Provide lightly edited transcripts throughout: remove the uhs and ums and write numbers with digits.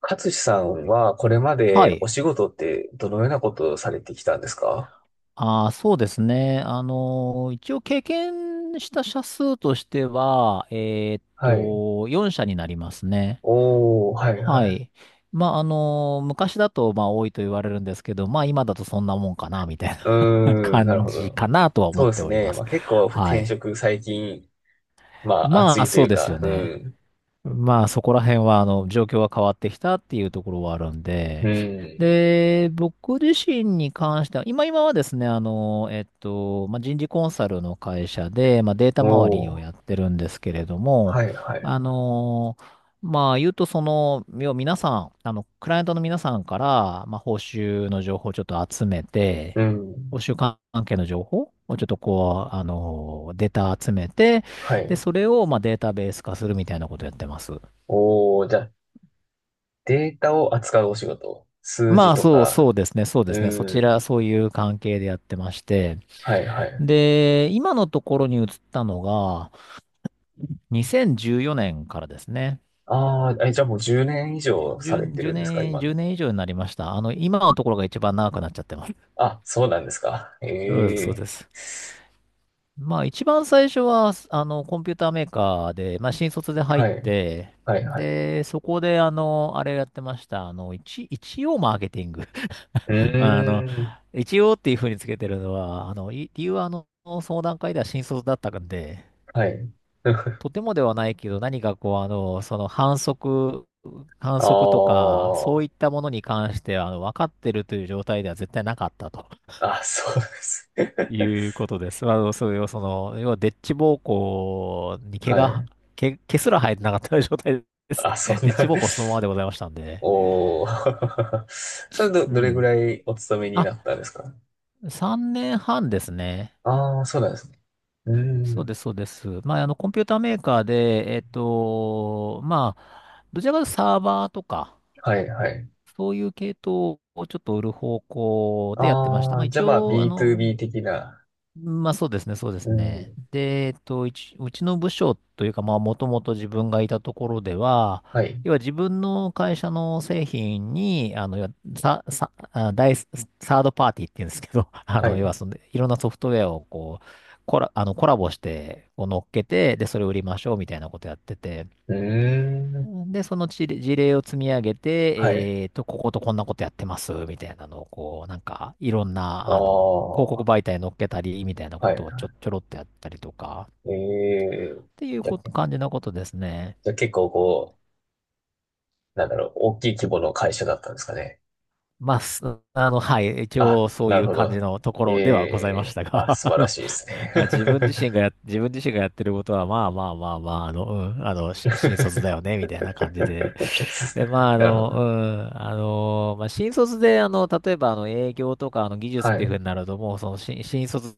勝さんはこれまはでおい。仕事ってどのようなことをされてきたんですか？ああ、そうですね。一応経験した社数としては、はい。4社になりますね。おー、はいははい。い。まあ、昔だと、まあ、多いと言われるんですけど、まあ、今だとそんなもんかな、みたいうな ーん、なる感ほじど。かなとは思そっうでてすおりまね。ます。あ、結構は転い。職最近、まあ熱まあ、いとそいううですよか、うね。ん。まあ、そこら辺はあの状況が変わってきたっていうところはあるんうで、ん。で、僕自身に関しては、今はですね、まあ、人事コンサルの会社で、まあ、データ周りおをやっー、てるんですけれども、はいはい。あの、まあ言うとその、要は皆さん、あの、クライアントの皆さんから、まあ報酬の情報をちょっと集めうて、ん。報酬関係の情報をちょっとこう、あの、データ集めて、はで、い。それをまあデータベース化するみたいなことやってます。おー、じゃあデータを扱うお仕事。数字とか。そうですね、そうですね。そちうん。ら、そういう関係でやってまして。はいはい。で、今のところに移ったのが、2014年からですね。ああ、え、じゃあもう10年以上さ10、れてるんですか年、今10の？年以上になりました。あの、今のところが一番長くなっちゃってます。あ、そうなんですか。えうん、そうでえ。す。まあ一番最初は、あの、コンピューターメーカーで、まあ新卒で入っはい。て、はいはい。で、そこで、あの、あれやってました。あの、一応マーケティング。うまあの、ーん。一応っていうふうにつけてるのは、あの、理由はあの、その段階では新卒だったんで、はい。とてもではないけど、何かこう、あの、反則とあか、そういったものに関して、あの、分かってるという状態では絶対なかったとあ。あ、そうです。いうことです。まあの、それをその、要は、デッチ暴行に毛はが、い。毛、毛すら生えてなかった状態ですあ、ね。そ んデッチな。暴行そのままでございましたん で。おー。それど、うどれぐん。らいお勤めにあ、なったんですか？3年半ですね。ああー、そうなんですね。うーそうん。です、そうです。まあ、あの、コンピューターメーカーで、えっと、まあ、どちらかというとサーバーとか、はいはい。そういう系統をちょっと売る方向でやってました。あまあ、あ、じ一ゃあまあ 応、あの、B2B 的な。まあそうですね、そうですうね。ん。で、えっと、うちの部署というか、まあもともと自分がいたところでは、はい。要は自分の会社の製品に、あの、要はさ、さ、あ、第サードパーティーって言うんですけど、あはい。の、要うはその、いろんなソフトウェアをこう、コラボして、こう乗っけて、で、それを売りましょうみたいなことやってて、ーん。で、その事例を積み上げはい。て、えっと、こことこんなことやってます、みたいなのを、こう、なんか、いろんあな、あの、広告あ。媒体に載っけたり、みたいなはことい。をちょろっとやったりとか、っええ。ていうじゃあ、こと感じのことですね。じゃあ結構こう、なんだろう、大きい規模の会社だったんですかね？まあ、すあの、はい、一あ、応そうないるうほ感じど。のとこえろではございましえ、たが、あ、素あ晴らの、しいですね。まあ、自分自身がやってることは、まあまあまあまあ、あの、うん、あの、新卒だよね、みたいな感じで。で、まあ、なるほど。まあ、新卒で、あの、例えば、あの、営業とか、あの、技術っはい。ていうふううになると、もう、その、新卒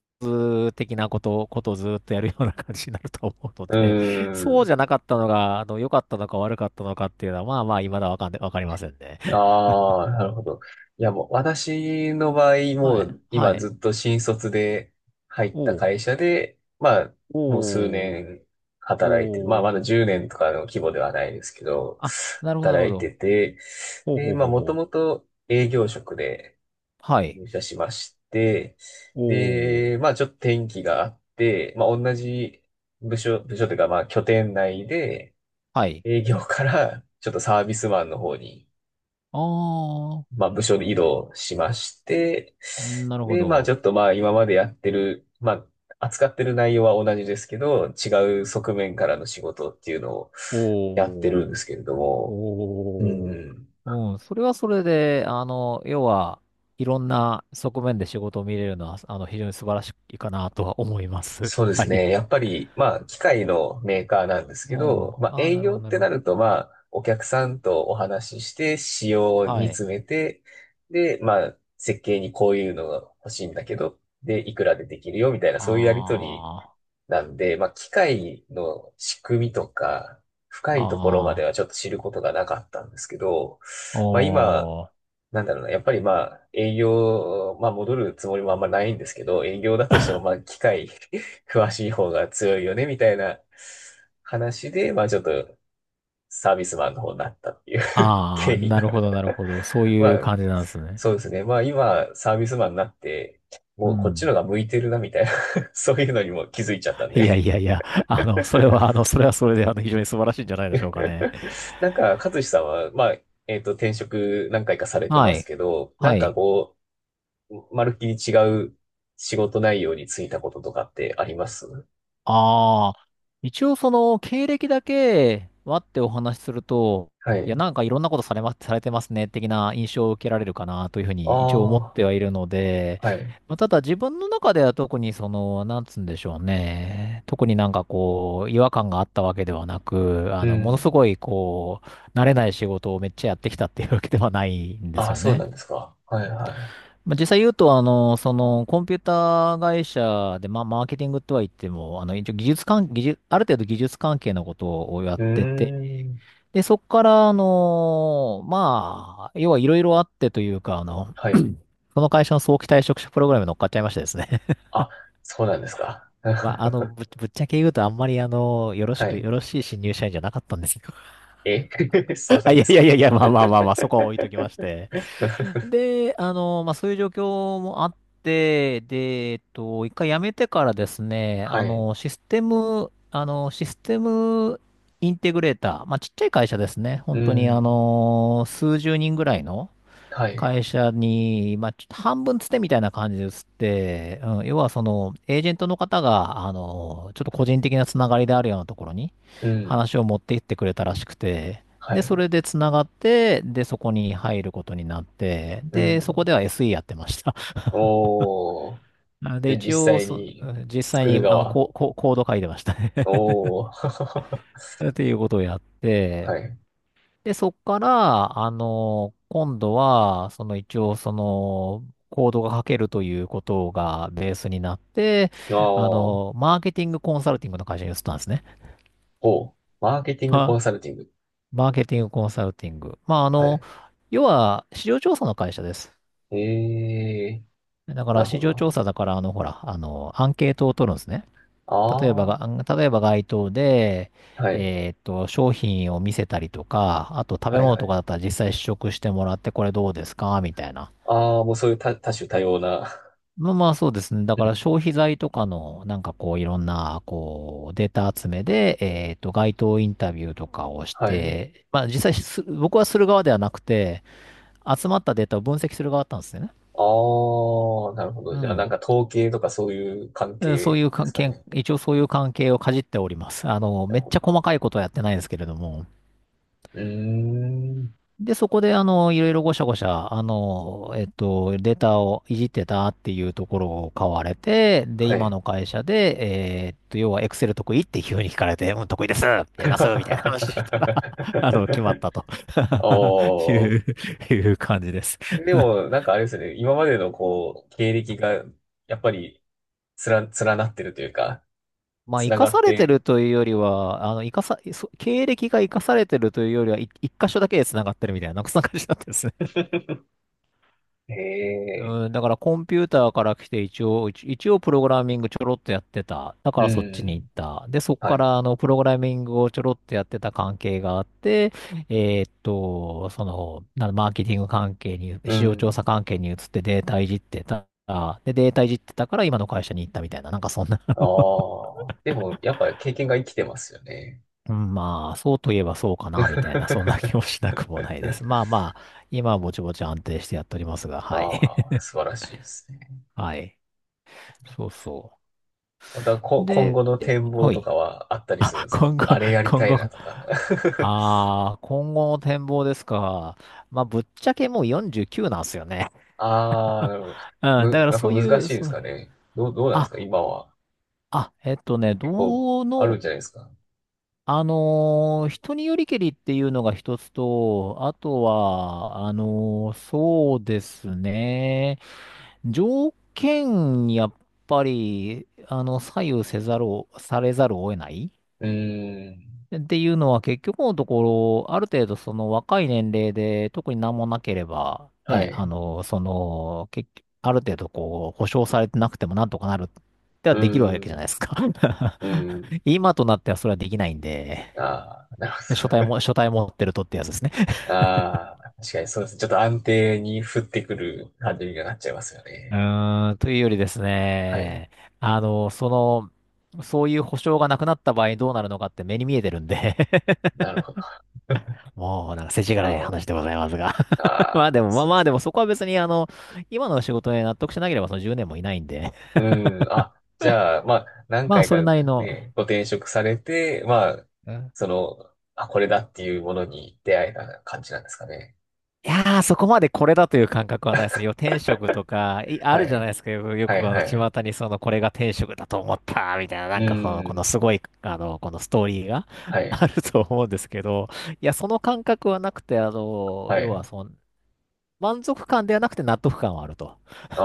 的なことをずっとやるような感じになると思うのーで、そうん。じゃなかったのが、あの、良かったのか悪かったのかっていうのは、まあまあ、未だわかんで、わかりませんね。ああ、なるほど。いや、もう、私の場合、はもい、う、は今い。ずっと新卒で入ったおう、会社で、まあ、もう数おう、年働いてる。まあ、おう、まだ10年とかの規模ではないですけど、あ、なるほど、なるほ働いてど。て、ほうで、ほうまあ、ほうもほとう。もと営業職で、はい。入社しまして、おう、で、まあちょっと転機があって、まあ同じ部署というかまあ拠点内ではい。営業からちょっとサービスマンの方に、あまあ部署で移動しまして、あ、なるほで、まあちょど。っとまあ今までやってる、まあ扱ってる内容は同じですけど、違う側面からの仕事っていうのをやっておるんでう、すけれども、うおう、ん。うん、それはそれで、あの、要は、いろんな側面で仕事を見れるのは、あの、非常に素晴らしいかなとは思います。そ うではすい。ね。やっぱり、まあ、機械のメーカーなんですうけん。ど、あまあ、あ、営なるほ業ど、っなるてほなど。ると、まあ、お客さんとお話しして、仕様はにい。詰めて、で、まあ、設計にこういうのが欲しいんだけど、で、いくらでできるよ、みたいな、そういうやりとりあなんで、まあ、機械の仕組みとか、深あ、いところまであはちょっと知ることがなかったんですけど、あ、まあ、今、おー。なんだろうな、やっぱりまあ、営業、まあ戻るつもりもあんまないんですけど、営業だとしても まあ、機械 詳しい方が強いよね、みたいな話で、まあちょっとサービスマンの方になったっていう あ経あ、緯なが るほど、なるほど。そう まいうあ、感じなんですね。そうですね。まあ今、サービスマンになって、うもうこっちのん。が向いてるな、みたいな そういうのにも気づいちゃったんいで。 やいやいや、あの、それは、あの、それはそれで、あの、非常に素晴らしいんじゃないでしょうかね。なんか、勝志さんは、まあ、転職何回かされてはますい。けど、なはんかい。こう、まるっきり違う仕事内容に就いたこととかってあります？ああ、一応その経歴だけ待ってお話しすると、はいや、い。なんかいろんなことされま、されてますね、的な印象を受けられるかなというふうあに一応思ってはいるので、あ、はい。まあ、ただ自分の中では特にその、なんつうんでしょうね、特になんかこう、違和感があったわけではなく、うあの、ものん。すごいこう、慣れない仕事をめっちゃやってきたっていうわけではないんであすあ、よそうね。なんですか。はい、はまあ、実際言うと、あの、その、コンピューター会社で、まあ、マーケティングとは言っても、あの、一応技術関、技術、ある程度技術関係のことをやい。っうてて、ーん。で、そこから、あの、まあ、要はいろいろあってというか、あの、はい。その会社の早期退職者プログラムに乗っかっちゃいましてですね。あ、そうなんですか。まあ、あの、ぶっちゃけ言うと、あんまり、あの、はい。よろしい新入社員じゃなかったんですよ。え。 そう なあ、んいでやすいやか。いやいや、まあまあまあまあ、そこは置いときまし て。で、あの、まあ、そういう状況もあって、で、えっと、一回辞めてからですね、はい。あの、システムインテグレーター、まあ、ちっちゃい会社ですね。う本当に、あん。の、数十人ぐらいの、はい。会社に、まあ、ちょっと半分つてみたいな感じで移って、うん、要はその、エージェントの方が、あの、ちょっと個人的なつながりであるようなところにうん。話を持っていってくれたらしくて、はで、そい。れでつながって、で、そこに入ることになって、うで、そこん。では SE やってました。おー。あで、で、実一応際そ、に実際作に、るあの、側。コード書いてましたね おー。っていうことをやって、はい。で、そっから、あの、今度は、その一応、その、コードが書けるということがベースになって、ああー。の、マーケティングコンサルティングの会社に移ったんですね。ほう。マーケティングコまンサルティング。マーケティングコンサルティング。まあ、あはの、い。要は、市場調査の会社です。ええ。だかなら、る市ほど、な場るほ調ど。査だから、あの、ほら、あの、アンケートを取るんですね。例えばあが、例えば街頭で、あ、はい。えーっと、商品を見せたりとか、あと食べはい、物はとかい。だったら実際試食してもらって、これどうですかみたいな。ああ、もうそういう多、多種多様な。まあまあそうですね。だうから消ん。費財とかの、なんかこういろんな、こう、データ集めで、えっと、街頭インタビューとかをしはい。て、まあ実際僕はする側ではなくて、集まったデータを分析する側だったんですよね。ああ、なるほど。うじゃあ、なんん。か統計とかそういう関でそうい係うです関か係、ね？一応そういう関係をかじっております。あの、なめるっほちゃど。細かいことはやってないですけれども。うーん。で、そこで、あの、いろいろごしゃごしゃ、あの、えっと、データをいじってたっていうところを買われて、で、は今い。の会社で、要は、エクセル得意って急に聞かれて、うん、得意です、やります、みたいな話したら、決まっ たと おいー。う、いう感じです。で も、なんかあれですね。今までのこう、経歴が、やっぱり、つら、連なってるというか、まあ、つ生なかがさっれてるて、というよりは、あの、生かさ、そ経歴が生かされてるというよりは、一箇所だけで繋がってるみたいな、なんかそんな感じだったですね。へえ、うん、だからコンピューターから来て一応、一応プログラミングちょろっとやってた。だかうらそっちに行っん、た。で、そっはかい、らプログラミングをちょろっとやってた関係があって、マーケティング関係に、う市場調ん。査関係に移ってデータいじってた。で、データいじってたから今の会社に行ったみたいな、なんかそんな。 ああ、でも、やっぱ経験が生きてますよね。うん、まあ、そうといえばそうかな、みたいな、そんな気もし なくもないです。まあまあ、今はぼちぼち安定してやっておりますが、はい。ああ、素晴らしいですね。はい。そうそまた、う。こ、今で、後の展望はとい。かはあったりするんあ、ですか？今後、あれやり今たい後、なとか。ああ、今後の展望ですか。まあ、ぶっちゃけもう49なんですよね。ああ、なるほど。うん、だかむ、らやっぱそうい難う、しいでそすう、かね。どう、どうなんですあ、か今は？あ、えっとね、結構、どあるの、んじゃないですか？人によりけりっていうのが一つと、あとは、そうですね、条件にやっぱり、左右せざるを、されざるを得ないうーん。っていうのは結局のところ、ある程度その若い年齢で特に何もなければ、はね、い。う結局ある程度こう、保証されてなくてもなんとかなるってーはできるわけじゃなん。いですか。うーん。今となってはそれはできないんで、ああ、なる書体ほど。も、書体持ってるとってやつですね。ああ、確かにそうです。ちょっと安定に降ってくる感じになっちゃいますようね。ーん、というよりですはい。ね、あの、そそういう保証がなくなった場合どうなるのかって目に見えてるんで、 なるほど。もうなんか世知辛いあ話でございますが、 あ、あまああ、でも、まそあうでまあす。でもそこは別に今の仕事に納得しなければその10年もいないんで、うん。あ、じゃあ、まあ、何まあ回そかれなりの、ね、ご転職されて、まあ、うん、その、あ、これだっていうものに出会えた感じなんですかね？いやーそこまでこれだという感覚はないですね。要は転職とか、あはるじゃない。いですか。よはい、くはい。巷にその、これが転職だと思った、みたいな、なうんかその、このん。すごい、あの、このストーリーが は あい、ると思うんですけど、いや、その感覚はなくて、あの、は要い。はその、満足感ではなくて納得感はあるとあ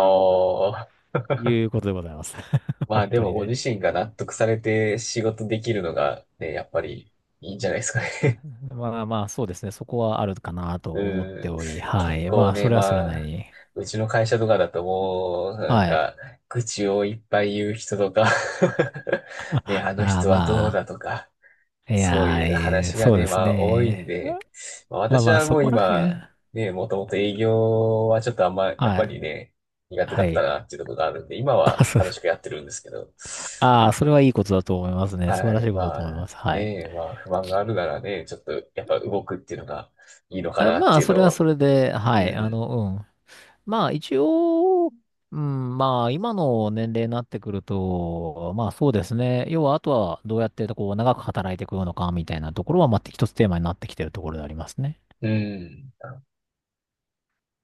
あ、いうことでございます。まあ本で当もにごね。自身が納得されて仕事できるのがね、やっぱりいいんじゃないですかね。まあまあ、そうですね。そこはあるかなと思っうてん。おり、は結い。ま構あ、ね、それはそれまなりあ、に。うちの会社とかだともう、なんはい。か、愚痴をいっぱい言う人とか ね、あのああ、人はどうだまとか、あ、いやそうー、いうえー話がそうね、ですまあ多いんね。で、まあまあ私まあ、はもそうこら辺。今、ね、もともと営業はちょっとあんま、やっはぱい。りね、苦手はだったい。なっていうところがあるんで、今はあ、そう。楽しくやってるんですけど、うああ、ん。それはいいことだと思いますね。素晴はらしい、いことだまと思いまあ、す。はい。ね、まあ不満があるならね、ちょっとやっぱ動くっていうのがいいのかあ、なっまてあ、いうそのれはそを、れで、うはい。あん。の、うん。まあ一応、うん、まあ今の年齢になってくると、まあそうですね。要はあとはどうやってこう長く働いていくのかみたいなところは、まあ一つテーマになってきてるところでありますね。うん。